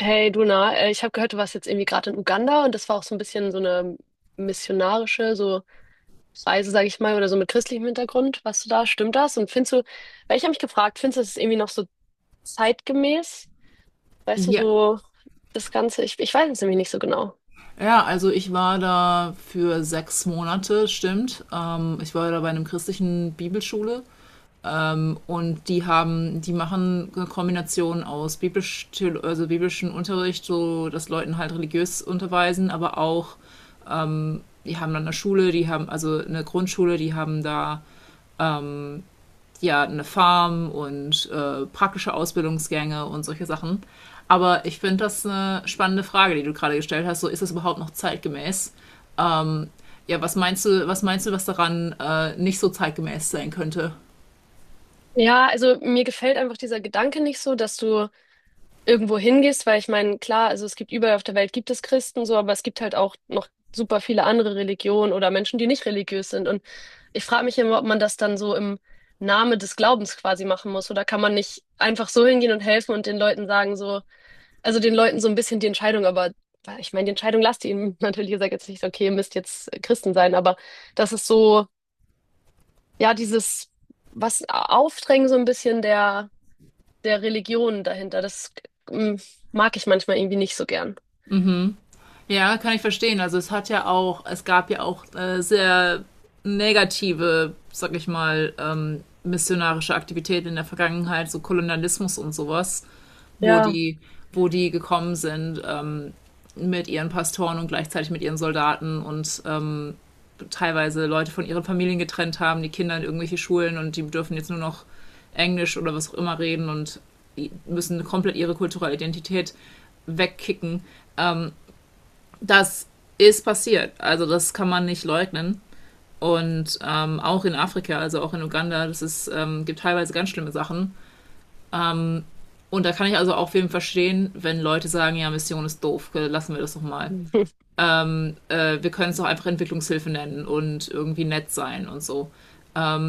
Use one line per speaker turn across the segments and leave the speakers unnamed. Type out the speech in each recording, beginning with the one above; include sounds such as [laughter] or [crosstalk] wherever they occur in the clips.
Hey Duna, ich habe gehört, du warst jetzt irgendwie gerade in Uganda und das war auch so ein bisschen so eine missionarische so Reise, sage ich mal, oder so mit christlichem Hintergrund. Warst du da? Stimmt das? Und findest du, weil ich habe mich gefragt, findest du das ist irgendwie noch so zeitgemäß? Weißt du,
Ja,
so das Ganze, ich weiß es nämlich nicht so genau.
ja, also ich war da für 6 Monate, stimmt. Ich war da bei einem christlichen Bibelschule und die machen eine Kombination aus also biblischen Unterricht, so dass Leuten halt religiös unterweisen, aber auch, die haben dann eine Schule, die haben also eine Grundschule, die haben da ja eine Farm und praktische Ausbildungsgänge und solche Sachen. Aber ich finde das eine spannende Frage, die du gerade gestellt hast. So, ist das überhaupt noch zeitgemäß? Ja, was meinst du, was daran nicht so zeitgemäß sein könnte?
Ja, also mir gefällt einfach dieser Gedanke nicht so, dass du irgendwo hingehst, weil ich meine, klar, also es gibt überall auf der Welt gibt es Christen so, aber es gibt halt auch noch super viele andere Religionen oder Menschen, die nicht religiös sind. Und ich frage mich immer, ob man das dann so im Namen des Glaubens quasi machen muss oder kann man nicht einfach so hingehen und helfen und den Leuten sagen so, also den Leuten so ein bisschen die Entscheidung, aber ich meine, die Entscheidung lasst ihr ihnen [laughs] natürlich, ihr sagt jetzt nicht, okay, ihr müsst jetzt Christen sein, aber das ist so, ja, dieses was Aufdrängen so ein bisschen der Religion dahinter. Das mm, mag ich manchmal irgendwie nicht so gern.
Ja, kann ich verstehen. Also es hat ja auch, es gab ja auch sehr negative, sag ich mal, missionarische Aktivitäten in der Vergangenheit, so Kolonialismus und sowas, wo
Ja,
die, wo die gekommen sind mit ihren Pastoren und gleichzeitig mit ihren Soldaten und teilweise Leute von ihren Familien getrennt haben, die Kinder in irgendwelche Schulen und die dürfen jetzt nur noch Englisch oder was auch immer reden und müssen komplett ihre kulturelle Identität wegkicken. Das ist passiert. Also das kann man nicht leugnen. Und auch in Afrika, also auch in Uganda, gibt teilweise ganz schlimme Sachen. Und da kann ich also auch wem verstehen, wenn Leute sagen, ja, Mission ist doof, lassen wir das doch mal.
[laughs]
Wir können es doch einfach Entwicklungshilfe nennen und irgendwie nett sein und so.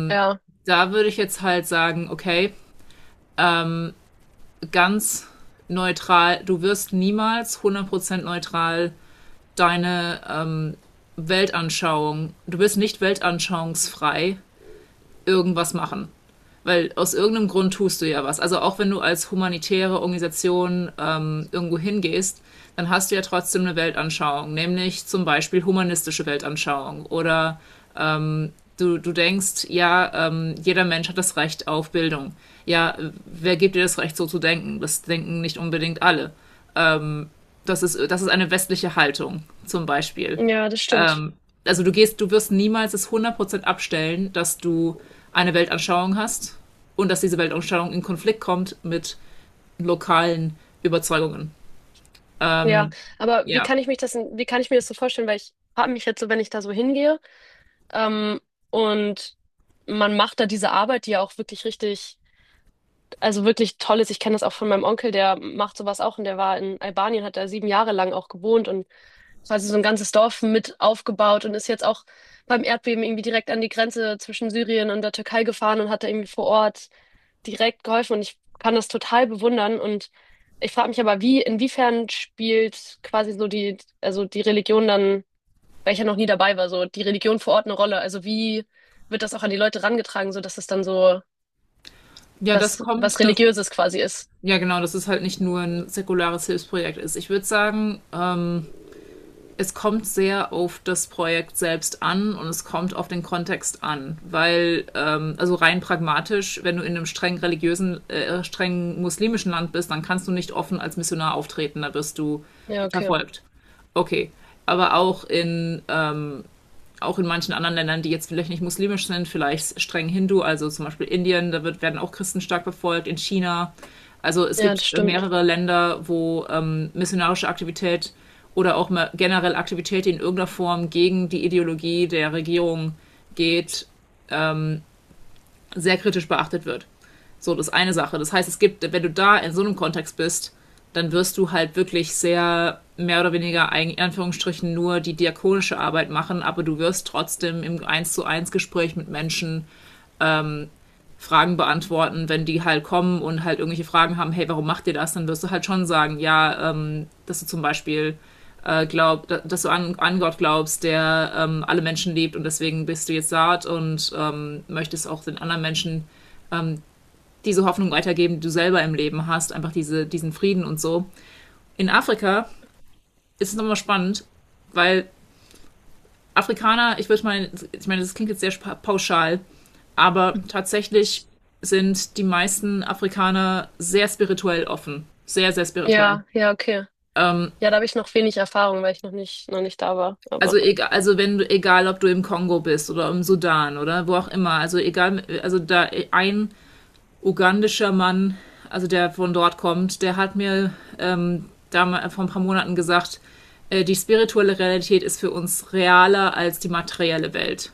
ja,
Da würde ich jetzt halt sagen, okay, ganz neutral, du wirst niemals 100% neutral deine Weltanschauung, du wirst nicht weltanschauungsfrei irgendwas machen. Weil aus irgendeinem Grund tust du ja was. Also auch wenn du als humanitäre Organisation irgendwo hingehst, dann hast du ja trotzdem eine Weltanschauung, nämlich zum Beispiel humanistische Weltanschauung. Oder du denkst, ja, jeder Mensch hat das Recht auf Bildung. Ja, wer gibt dir das Recht, so zu denken? Das denken nicht unbedingt alle. Das ist eine westliche Haltung, zum Beispiel.
ja, das stimmt.
Also du gehst, du wirst niemals es 100% abstellen, dass du eine Weltanschauung hast und dass diese Weltanschauung in Konflikt kommt mit lokalen Überzeugungen.
Ja, aber wie
Ja.
kann ich mich das, wie kann ich mir das so vorstellen? Weil ich habe mich jetzt so, wenn ich da so hingehe, ähm, und man macht da diese Arbeit, die ja auch wirklich richtig, also wirklich toll ist. Ich kenne das auch von meinem Onkel, der macht sowas auch und der war in Albanien, hat da 7 Jahre lang auch gewohnt und das heißt, so ein ganzes Dorf mit aufgebaut und ist jetzt auch beim Erdbeben irgendwie direkt an die Grenze zwischen Syrien und der Türkei gefahren und hat da irgendwie vor Ort direkt geholfen. Und ich kann das total bewundern. Und ich frage mich aber, wie, inwiefern spielt quasi so die, also die Religion dann, weil ich ja noch nie dabei war, so die Religion vor Ort eine Rolle? Also wie wird das auch an die Leute rangetragen, so dass es dann so
Ja, das
was, was
kommt, das,
Religiöses quasi ist?
ja genau, dass es halt nicht nur ein säkulares Hilfsprojekt ist. Ich würde sagen, es kommt sehr auf das Projekt selbst an und es kommt auf den Kontext an, weil also rein pragmatisch, wenn du in einem streng religiösen, streng muslimischen Land bist, dann kannst du nicht offen als Missionar auftreten, da wirst du
Ja, okay.
verfolgt. Okay, aber auch in manchen anderen Ländern, die jetzt vielleicht nicht muslimisch sind, vielleicht streng Hindu, also zum Beispiel Indien, werden auch Christen stark verfolgt, in China. Also es
Ja,
gibt
das stimmt.
mehrere Länder, wo missionarische Aktivität oder auch mal generell Aktivität, die in irgendeiner Form gegen die Ideologie der Regierung geht, sehr kritisch beachtet wird. So, das ist eine Sache. Das heißt, es gibt, wenn du da in so einem Kontext bist, dann wirst du halt wirklich sehr mehr oder weniger in Anführungsstrichen nur die diakonische Arbeit machen, aber du wirst trotzdem im eins zu eins Gespräch mit Menschen Fragen beantworten, wenn die halt kommen und halt irgendwelche Fragen haben, hey, warum macht ihr das? Dann wirst du halt schon sagen, ja, dass du zum Beispiel dass du an Gott glaubst, der alle Menschen liebt und deswegen bist du jetzt saat und möchtest auch den anderen Menschen diese Hoffnung weitergeben, die du selber im Leben hast, einfach diese, diesen Frieden und so. In Afrika ist es nochmal spannend, weil Afrikaner, ich würde mal, ich meine, das klingt jetzt sehr pauschal, aber tatsächlich sind die meisten Afrikaner sehr spirituell offen. Sehr, sehr spirituell.
Ja, ja, okay. Ja, da habe ich noch wenig Erfahrung, weil ich noch nicht da war.
Also
Aber
egal, also wenn du, egal ob du im Kongo bist oder im Sudan oder wo auch immer, also egal, also da ein ugandischer Mann, also der von dort kommt, der hat mir da vor ein paar Monaten gesagt, die spirituelle Realität ist für uns realer als die materielle Welt.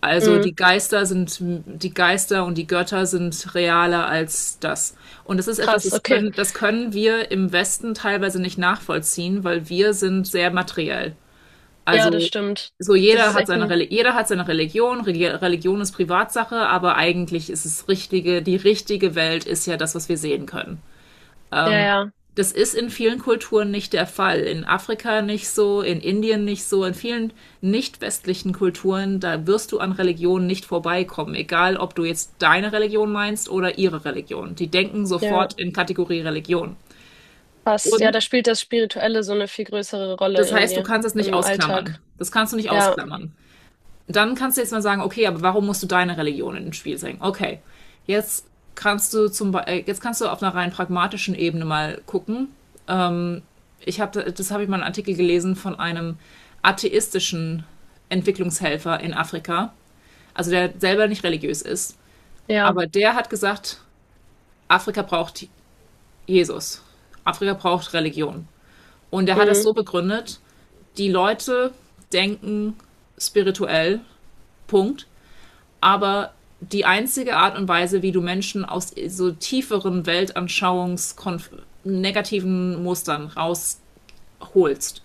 Also
mm,
die Geister sind, die Geister und die Götter sind realer als das. Und das ist etwas,
krass, okay.
das können wir im Westen teilweise nicht nachvollziehen, weil wir sind sehr materiell.
Ja, das
Also
stimmt.
so
Das ist echt ein,
Jeder hat seine Religion, Religion ist Privatsache, aber eigentlich ist die richtige Welt ist ja das, was wir sehen können.
ja, ja,
Das ist in vielen Kulturen nicht der Fall. In Afrika nicht so, in Indien nicht so, in vielen nicht westlichen Kulturen, da wirst du an Religion nicht vorbeikommen, egal ob du jetzt deine Religion meinst oder ihre Religion. Die denken
ja,
sofort in Kategorie Religion.
passt. Ja,
Und
da spielt das Spirituelle so eine viel größere Rolle
das heißt, du
irgendwie
kannst es nicht
im
ausklammern.
Alltag.
Das kannst du nicht
Ja,
ausklammern. Dann kannst du jetzt mal sagen, okay, aber warum musst du deine Religion ins Spiel bringen? Okay, jetzt kannst du jetzt kannst du auf einer rein pragmatischen Ebene mal gucken. Ich habe das habe ich mal einen Artikel gelesen von einem atheistischen Entwicklungshelfer in Afrika, also der selber nicht religiös ist,
ja,
aber der hat gesagt, Afrika braucht Jesus. Afrika braucht Religion. Und er hat das
mm,
so begründet, die Leute denken spirituell, Punkt. Aber die einzige Art und Weise, wie du Menschen aus so tieferen Weltanschauungs negativen Mustern rausholst,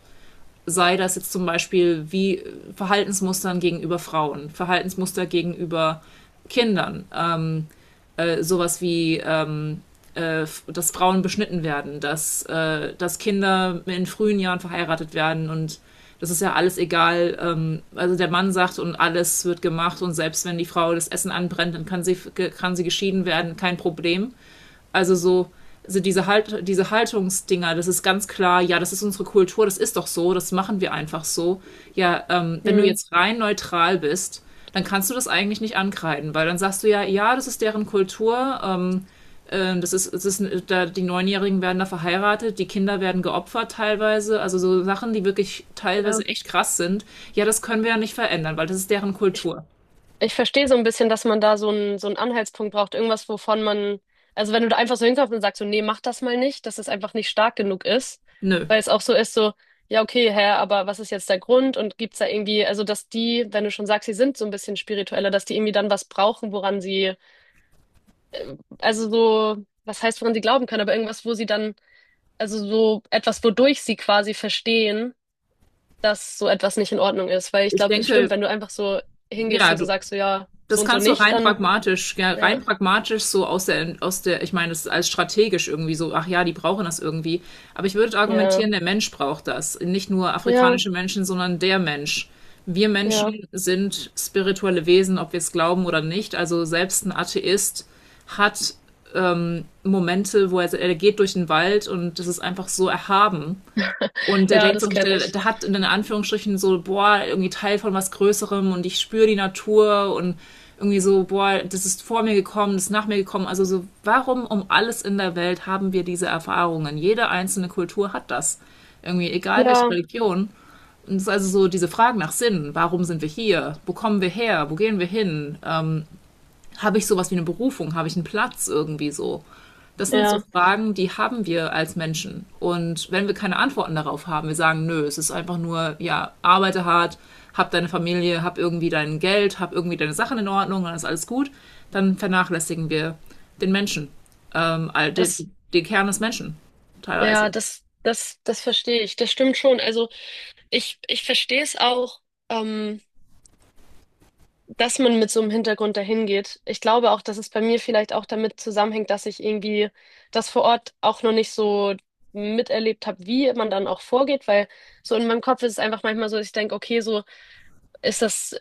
sei das jetzt zum Beispiel wie Verhaltensmustern gegenüber Frauen, Verhaltensmuster gegenüber Kindern, sowas wie dass Frauen beschnitten werden, dass Kinder in frühen Jahren verheiratet werden und das ist ja alles egal. Also der Mann sagt und alles wird gemacht und selbst wenn die Frau das Essen anbrennt, kann sie geschieden werden, kein Problem. Also so, also diese, halt, diese Haltungsdinger, das ist ganz klar, ja, das ist unsere Kultur, das ist doch so, das machen wir einfach so. Ja, wenn du
mm,
jetzt rein neutral bist, dann kannst du das eigentlich nicht ankreiden, weil dann sagst du ja, ja, das ist deren Kultur, da, die 9-Jährigen werden da verheiratet, die Kinder werden geopfert teilweise, also so Sachen, die wirklich
ja.
teilweise echt krass sind. Ja, das können wir ja nicht verändern, weil das ist deren
Ich
Kultur.
Ich verstehe so ein bisschen, dass man da so einen Anhaltspunkt braucht, irgendwas, wovon man, also wenn du da einfach so hinkommst und sagst so, nee, mach das mal nicht, dass es einfach nicht stark genug ist,
Nö.
weil es auch so ist, so, ja, okay, Herr, aber was ist jetzt der Grund und gibt's da irgendwie, also dass die, wenn du schon sagst, sie sind so ein bisschen spiritueller, dass die irgendwie dann was brauchen, woran sie, also so, was heißt, woran sie glauben können, aber irgendwas, wo sie dann, also so etwas, wodurch sie quasi verstehen, dass so etwas nicht in Ordnung ist, weil ich
Ich
glaube, es stimmt,
denke,
wenn du einfach so hingehst
ja,
und so
du,
sagst so, ja, so
Das
und so
kannst du
nicht,
rein
dann,
pragmatisch, ja, rein
ja.
pragmatisch so aus der, ich meine, das ist als strategisch irgendwie so, ach ja, die brauchen das irgendwie. Aber ich würde
Ja,
argumentieren, der Mensch braucht das. Nicht nur
ja,
afrikanische Menschen, sondern der Mensch. Wir
ja.
Menschen sind spirituelle Wesen, ob wir es glauben oder nicht. Also selbst ein Atheist hat Momente, er geht durch den Wald und das ist einfach so erhaben und der
Ja,
denkt so,
das kenne ich.
der hat in Anführungsstrichen so, boah, irgendwie Teil von was Größerem und ich spüre die Natur und irgendwie so, boah, das ist vor mir gekommen, das ist nach mir gekommen. Also so, warum um alles in der Welt haben wir diese Erfahrungen? Jede einzelne Kultur hat das. Irgendwie, egal welche
Ja,
Religion. Und es ist also so diese Frage nach Sinn. Warum sind wir hier? Wo kommen wir her? Wo gehen wir hin? Habe ich sowas wie eine Berufung? Habe ich einen Platz irgendwie so? Das sind so
ja.
Fragen, die haben wir als Menschen. Und wenn wir keine Antworten darauf haben, wir sagen, nö, es ist einfach nur, ja, arbeite hart, hab deine Familie, hab irgendwie dein Geld, hab irgendwie deine Sachen in Ordnung, dann ist alles gut, dann vernachlässigen wir den Menschen, ähm, all- den,
Das,
den Kern des Menschen
ja,
teilweise.
das verstehe ich. Das stimmt schon. Also ich verstehe es auch, ähm, dass man mit so einem Hintergrund dahin geht. Ich glaube auch, dass es bei mir vielleicht auch damit zusammenhängt, dass ich irgendwie das vor Ort auch noch nicht so miterlebt habe, wie man dann auch vorgeht, weil so in meinem Kopf ist es einfach manchmal so, dass ich denke, okay, so ist das,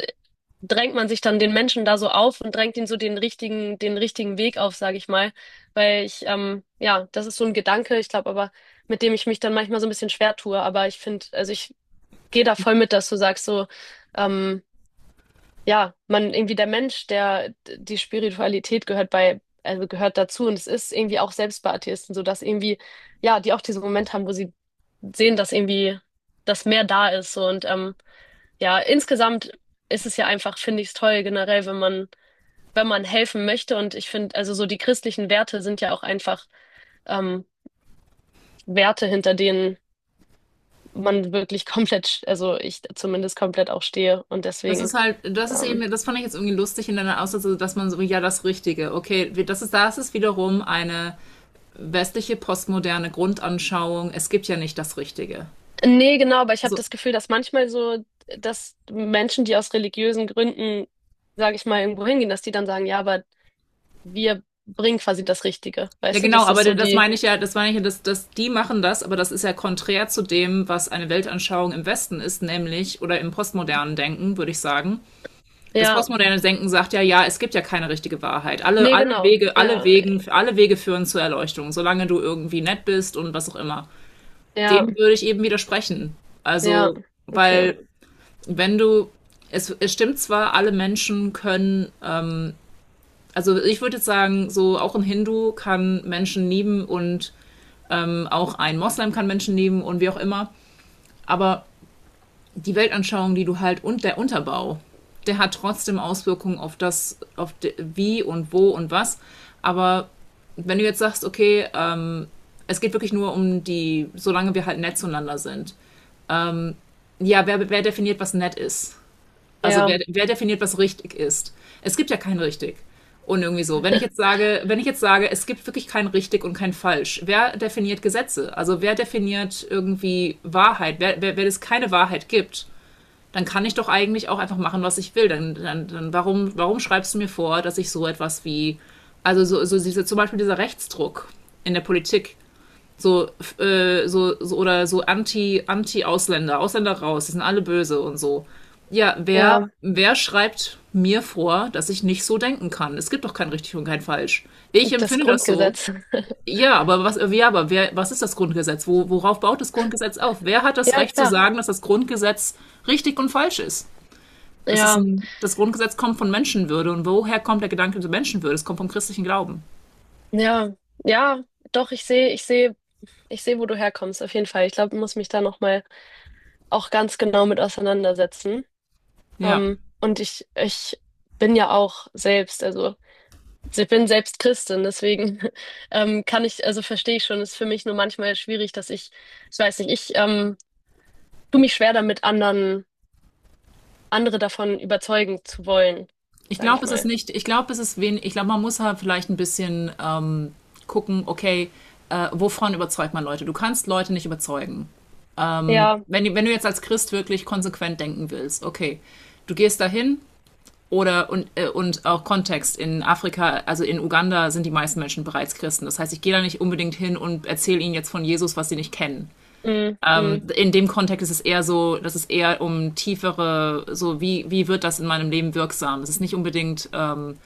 drängt man sich dann den Menschen da so auf und drängt ihnen so den den richtigen Weg auf, sage ich mal. Weil ja, das ist so ein Gedanke, ich glaube aber, mit dem ich mich dann manchmal so ein bisschen schwer tue. Aber ich finde, also ich gehe da voll mit, dass du sagst, so, ähm, ja, man irgendwie der Mensch, der die Spiritualität gehört bei, also gehört dazu und es ist irgendwie auch selbst bei Atheisten so, dass irgendwie, ja, die auch diesen Moment haben, wo sie sehen, dass irgendwie das mehr da ist so, und ja, insgesamt ist es ja einfach, finde ich es toll, generell, wenn man, wenn man helfen möchte. Und ich finde, also so die christlichen Werte sind ja auch einfach ähm, Werte, hinter denen man wirklich [laughs] komplett, also ich zumindest komplett auch stehe. Und
Das
deswegen,
ist halt, das ist
ähm,
eben, das fand ich jetzt irgendwie lustig in deiner Aussage, dass man so, ja, das Richtige, okay, das ist wiederum eine westliche postmoderne Grundanschauung, es gibt ja nicht das Richtige.
nee, genau, aber ich habe
So.
das Gefühl, dass manchmal so, dass Menschen, die aus religiösen Gründen, sage ich mal, irgendwo hingehen, dass die dann sagen, ja, aber wir bringen quasi das Richtige.
Ja,
Weißt du,
genau,
dass
aber
das so
das
die,
meine ich ja, das meine ich ja, dass die machen das, aber das ist ja konträr zu dem, was eine Weltanschauung im Westen ist, nämlich, oder im postmodernen Denken, würde ich sagen. Das
ja,
postmoderne Denken sagt ja, ja, es gibt ja keine richtige Wahrheit. Alle,
nee,
alle
genau,
Wege, alle
ja,
Wegen, alle Wege führen zur Erleuchtung, solange du irgendwie nett bist und was auch immer.
ja,
Dem würde ich eben widersprechen.
ja,
Also,
okay.
weil, wenn du, es stimmt zwar, alle Menschen können. Also ich würde jetzt sagen, so auch ein Hindu kann Menschen lieben und auch ein Moslem kann Menschen lieben und wie auch immer. Aber die Weltanschauung, die du halt und der Unterbau, der hat trotzdem Auswirkungen auf das, auf wie und wo und was. Aber wenn du jetzt sagst, okay, es geht wirklich nur um die, solange wir halt nett zueinander sind. Ja, wer definiert, was nett ist? Also
Ja,
wer definiert, was richtig ist? Es gibt ja kein richtig. Und irgendwie so, wenn ich jetzt sage, es gibt wirklich kein richtig und kein falsch, wer definiert Gesetze? Also wer definiert irgendwie Wahrheit? Wenn es keine Wahrheit gibt, dann kann ich doch eigentlich auch einfach machen, was ich will. Dann warum schreibst du mir vor, dass ich so etwas wie, also so diese, zum Beispiel dieser Rechtsdruck in der Politik, so, oder so anti, anti Ausländer, Ausländer raus, die sind alle böse und so. Ja, wer,
ja,
wer schreibt mir vor, dass ich nicht so denken kann? Es gibt doch kein richtig und kein falsch. Ich
das
empfinde das so.
Grundgesetz. [laughs]
Ja, aber was, ja, aber wer, was ist das Grundgesetz? Worauf baut das Grundgesetz auf? Wer hat das
Ja,
Recht zu
klar.
sagen, dass das Grundgesetz richtig und falsch ist?
Ja,
Das Grundgesetz kommt von Menschenwürde, und woher kommt der Gedanke zur Menschenwürde? Es kommt vom christlichen Glauben.
ja, ja, doch, ich sehe, ich sehe, wo du herkommst, auf jeden Fall. Ich glaube, ich muss mich da nochmal auch ganz genau mit auseinandersetzen.
Ja.
Und ich bin ja auch selbst, also ich bin selbst Christin, deswegen [laughs] kann ich, also verstehe ich schon, ist für mich nur manchmal schwierig, dass ich weiß nicht, ich tue mich schwer damit, andere davon überzeugen zu wollen,
Ich
sage ich
glaube, es ist
mal.
nicht, ich glaube, es ist wenig, Ich glaube, man muss halt vielleicht ein bisschen gucken, okay, wovon überzeugt man Leute? Du kannst Leute nicht überzeugen. Ähm,
Ja,
wenn, wenn du jetzt als Christ wirklich konsequent denken willst, okay, du gehst dahin oder und auch Kontext in Afrika, also in Uganda sind die meisten Menschen bereits Christen. Das heißt, ich gehe da nicht unbedingt hin und erzähle ihnen jetzt von Jesus, was sie nicht kennen.
mm, mm,
In dem Kontext ist es eher so, dass es eher um tiefere, so wie wird das in meinem Leben wirksam? Es ist nicht unbedingt,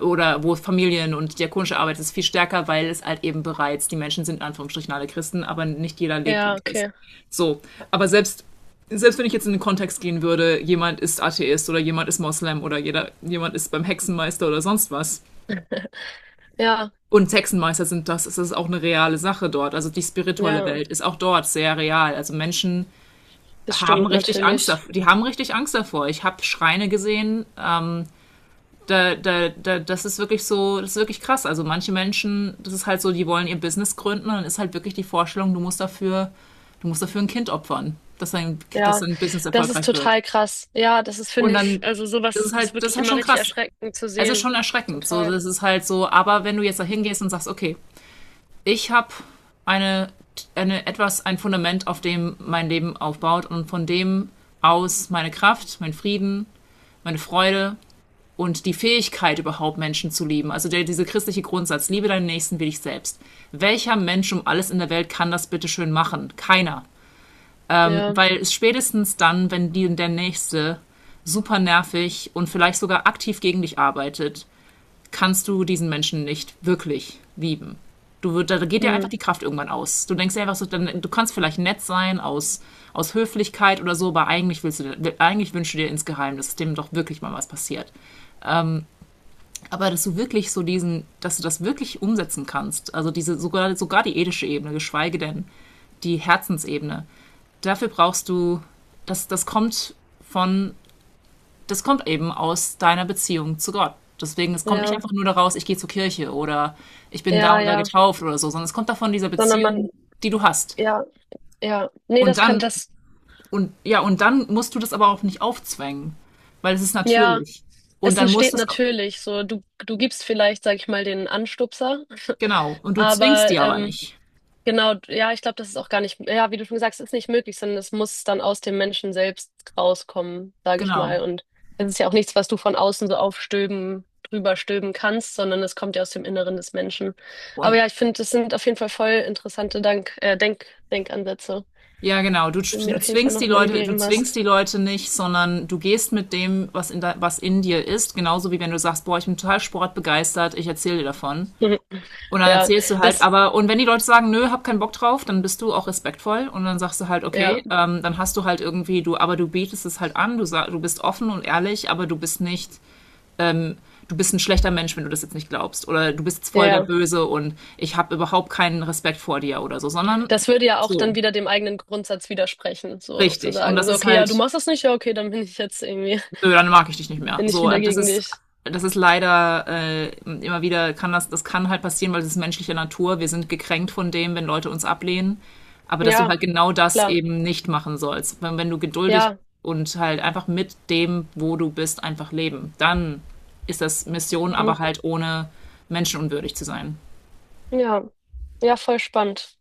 oder wo Familien und diakonische Arbeit ist viel stärker, weil es halt eben bereits, die Menschen sind in Anführungsstrichen alle Christen, aber nicht jeder lebt wie
ja,
Christ.
okay.
So, aber selbst selbst wenn ich jetzt in den Kontext gehen würde, jemand ist Atheist oder jemand ist Moslem oder jemand ist beim Hexenmeister oder sonst was.
Ja,
Und Hexenmeister sind das, es ist auch eine reale Sache dort. Also die spirituelle
ja,
Welt ist auch dort sehr real. Also Menschen
das
haben
stimmt
richtig Angst
natürlich.
davor. Die haben richtig Angst davor. Ich habe Schreine gesehen, das ist wirklich so, das ist wirklich krass. Also manche Menschen, das ist halt so, die wollen ihr Business gründen und dann ist halt wirklich die Vorstellung, du musst dafür ein Kind opfern, dass
Ja,
dein Business
das ist
erfolgreich wird.
total krass. Ja, das ist,
Und
finde ich,
dann,
also sowas ist
das ist
wirklich
halt
immer
schon
richtig
krass.
erschreckend zu
Es ist
sehen.
schon erschreckend. So,
Total.
das ist halt so, aber wenn du jetzt da hingehst und sagst, okay, ich habe eine, ein Fundament, auf dem mein Leben aufbaut und von dem aus meine Kraft, mein Frieden, meine Freude, und die Fähigkeit überhaupt Menschen zu lieben, also dieser christliche Grundsatz, liebe deinen Nächsten wie dich selbst. Welcher Mensch um alles in der Welt kann das bitte schön machen? Keiner.
Ja,
Weil es spätestens dann, wenn der Nächste super nervig und vielleicht sogar aktiv gegen dich arbeitet, kannst du diesen Menschen nicht wirklich lieben. Du da geht dir einfach
hm,
die Kraft irgendwann aus. Du denkst dir einfach so, du kannst vielleicht nett sein aus Höflichkeit oder so, aber eigentlich wünschst du dir insgeheim, dass dem doch wirklich mal was passiert. Aber dass du das wirklich umsetzen kannst, also diese sogar, sogar die ethische Ebene, geschweige denn die Herzensebene, dafür brauchst du, das, das kommt von, das kommt eben aus deiner Beziehung zu Gott. Deswegen, es kommt nicht
ja,
einfach nur daraus, ich gehe zur Kirche oder ich bin da
ja,
und da
ja.
getauft oder so, sondern es kommt davon dieser
Sondern man,
Beziehung, die du hast.
ja, ja. Nee,
Und
das kann
dann,
das,
und ja, und dann musst du das aber auch nicht aufzwängen, weil es ist
ja,
natürlich. Und
es
dann musst
entsteht
du es,
natürlich so. Du gibst vielleicht, sag ich mal, den Anstupser,
genau, und du zwingst
aber
die aber nicht.
genau, ja, ich glaube, das ist auch gar nicht, ja, wie du schon gesagt hast, ist nicht möglich, sondern es muss dann aus dem Menschen selbst rauskommen, sage ich
Genau.
mal. Und es ist ja auch nichts, was du von außen so aufstöben, drüber stöben kannst, sondern es kommt ja aus dem Inneren des Menschen. Aber
Und
ja, ich finde, das sind auf jeden Fall voll interessante Denkansätze,
ja, genau. Du,
die du mir
du
auf jeden Fall
zwingst die
nochmal
Leute, du
gegeben
zwingst die
hast.
Leute nicht, sondern du gehst mit dem, was was in dir ist. Genauso wie wenn du sagst, boah, ich bin total sportbegeistert, ich erzähle dir davon.
[laughs]
Und dann
Ja,
erzählst du halt,
das,
aber, und wenn die Leute sagen, nö, hab keinen Bock drauf, dann bist du auch respektvoll und dann sagst du halt,
ja,
okay, dann hast du halt irgendwie, aber du bietest es halt an, du bist offen und ehrlich, aber du bist nicht, du bist ein schlechter Mensch, wenn du das jetzt nicht glaubst. Oder du bist jetzt
ja,
voll der
ja.
Böse und ich habe überhaupt keinen Respekt vor dir oder so, sondern
Das würde ja auch dann
so,
wieder dem eigenen Grundsatz widersprechen, so zu
richtig. Und
sagen,
das
so,
ist
okay, ja, du
halt,
machst das nicht, ja, okay, dann bin ich jetzt irgendwie,
nö, dann mag ich dich
[laughs]
nicht mehr.
bin ich
So,
wieder gegen dich.
das ist leider immer wieder, das kann halt passieren, weil das ist menschliche Natur. Wir sind gekränkt von dem, wenn Leute uns ablehnen. Aber dass du
Ja.
halt genau das
Klar,
eben nicht machen sollst. Wenn du geduldig
ja.
und halt einfach mit dem, wo du bist, einfach leben, dann ist das Mission,
Mhm.
aber halt ohne menschenunwürdig zu sein.
Ja, ja, voll spannend.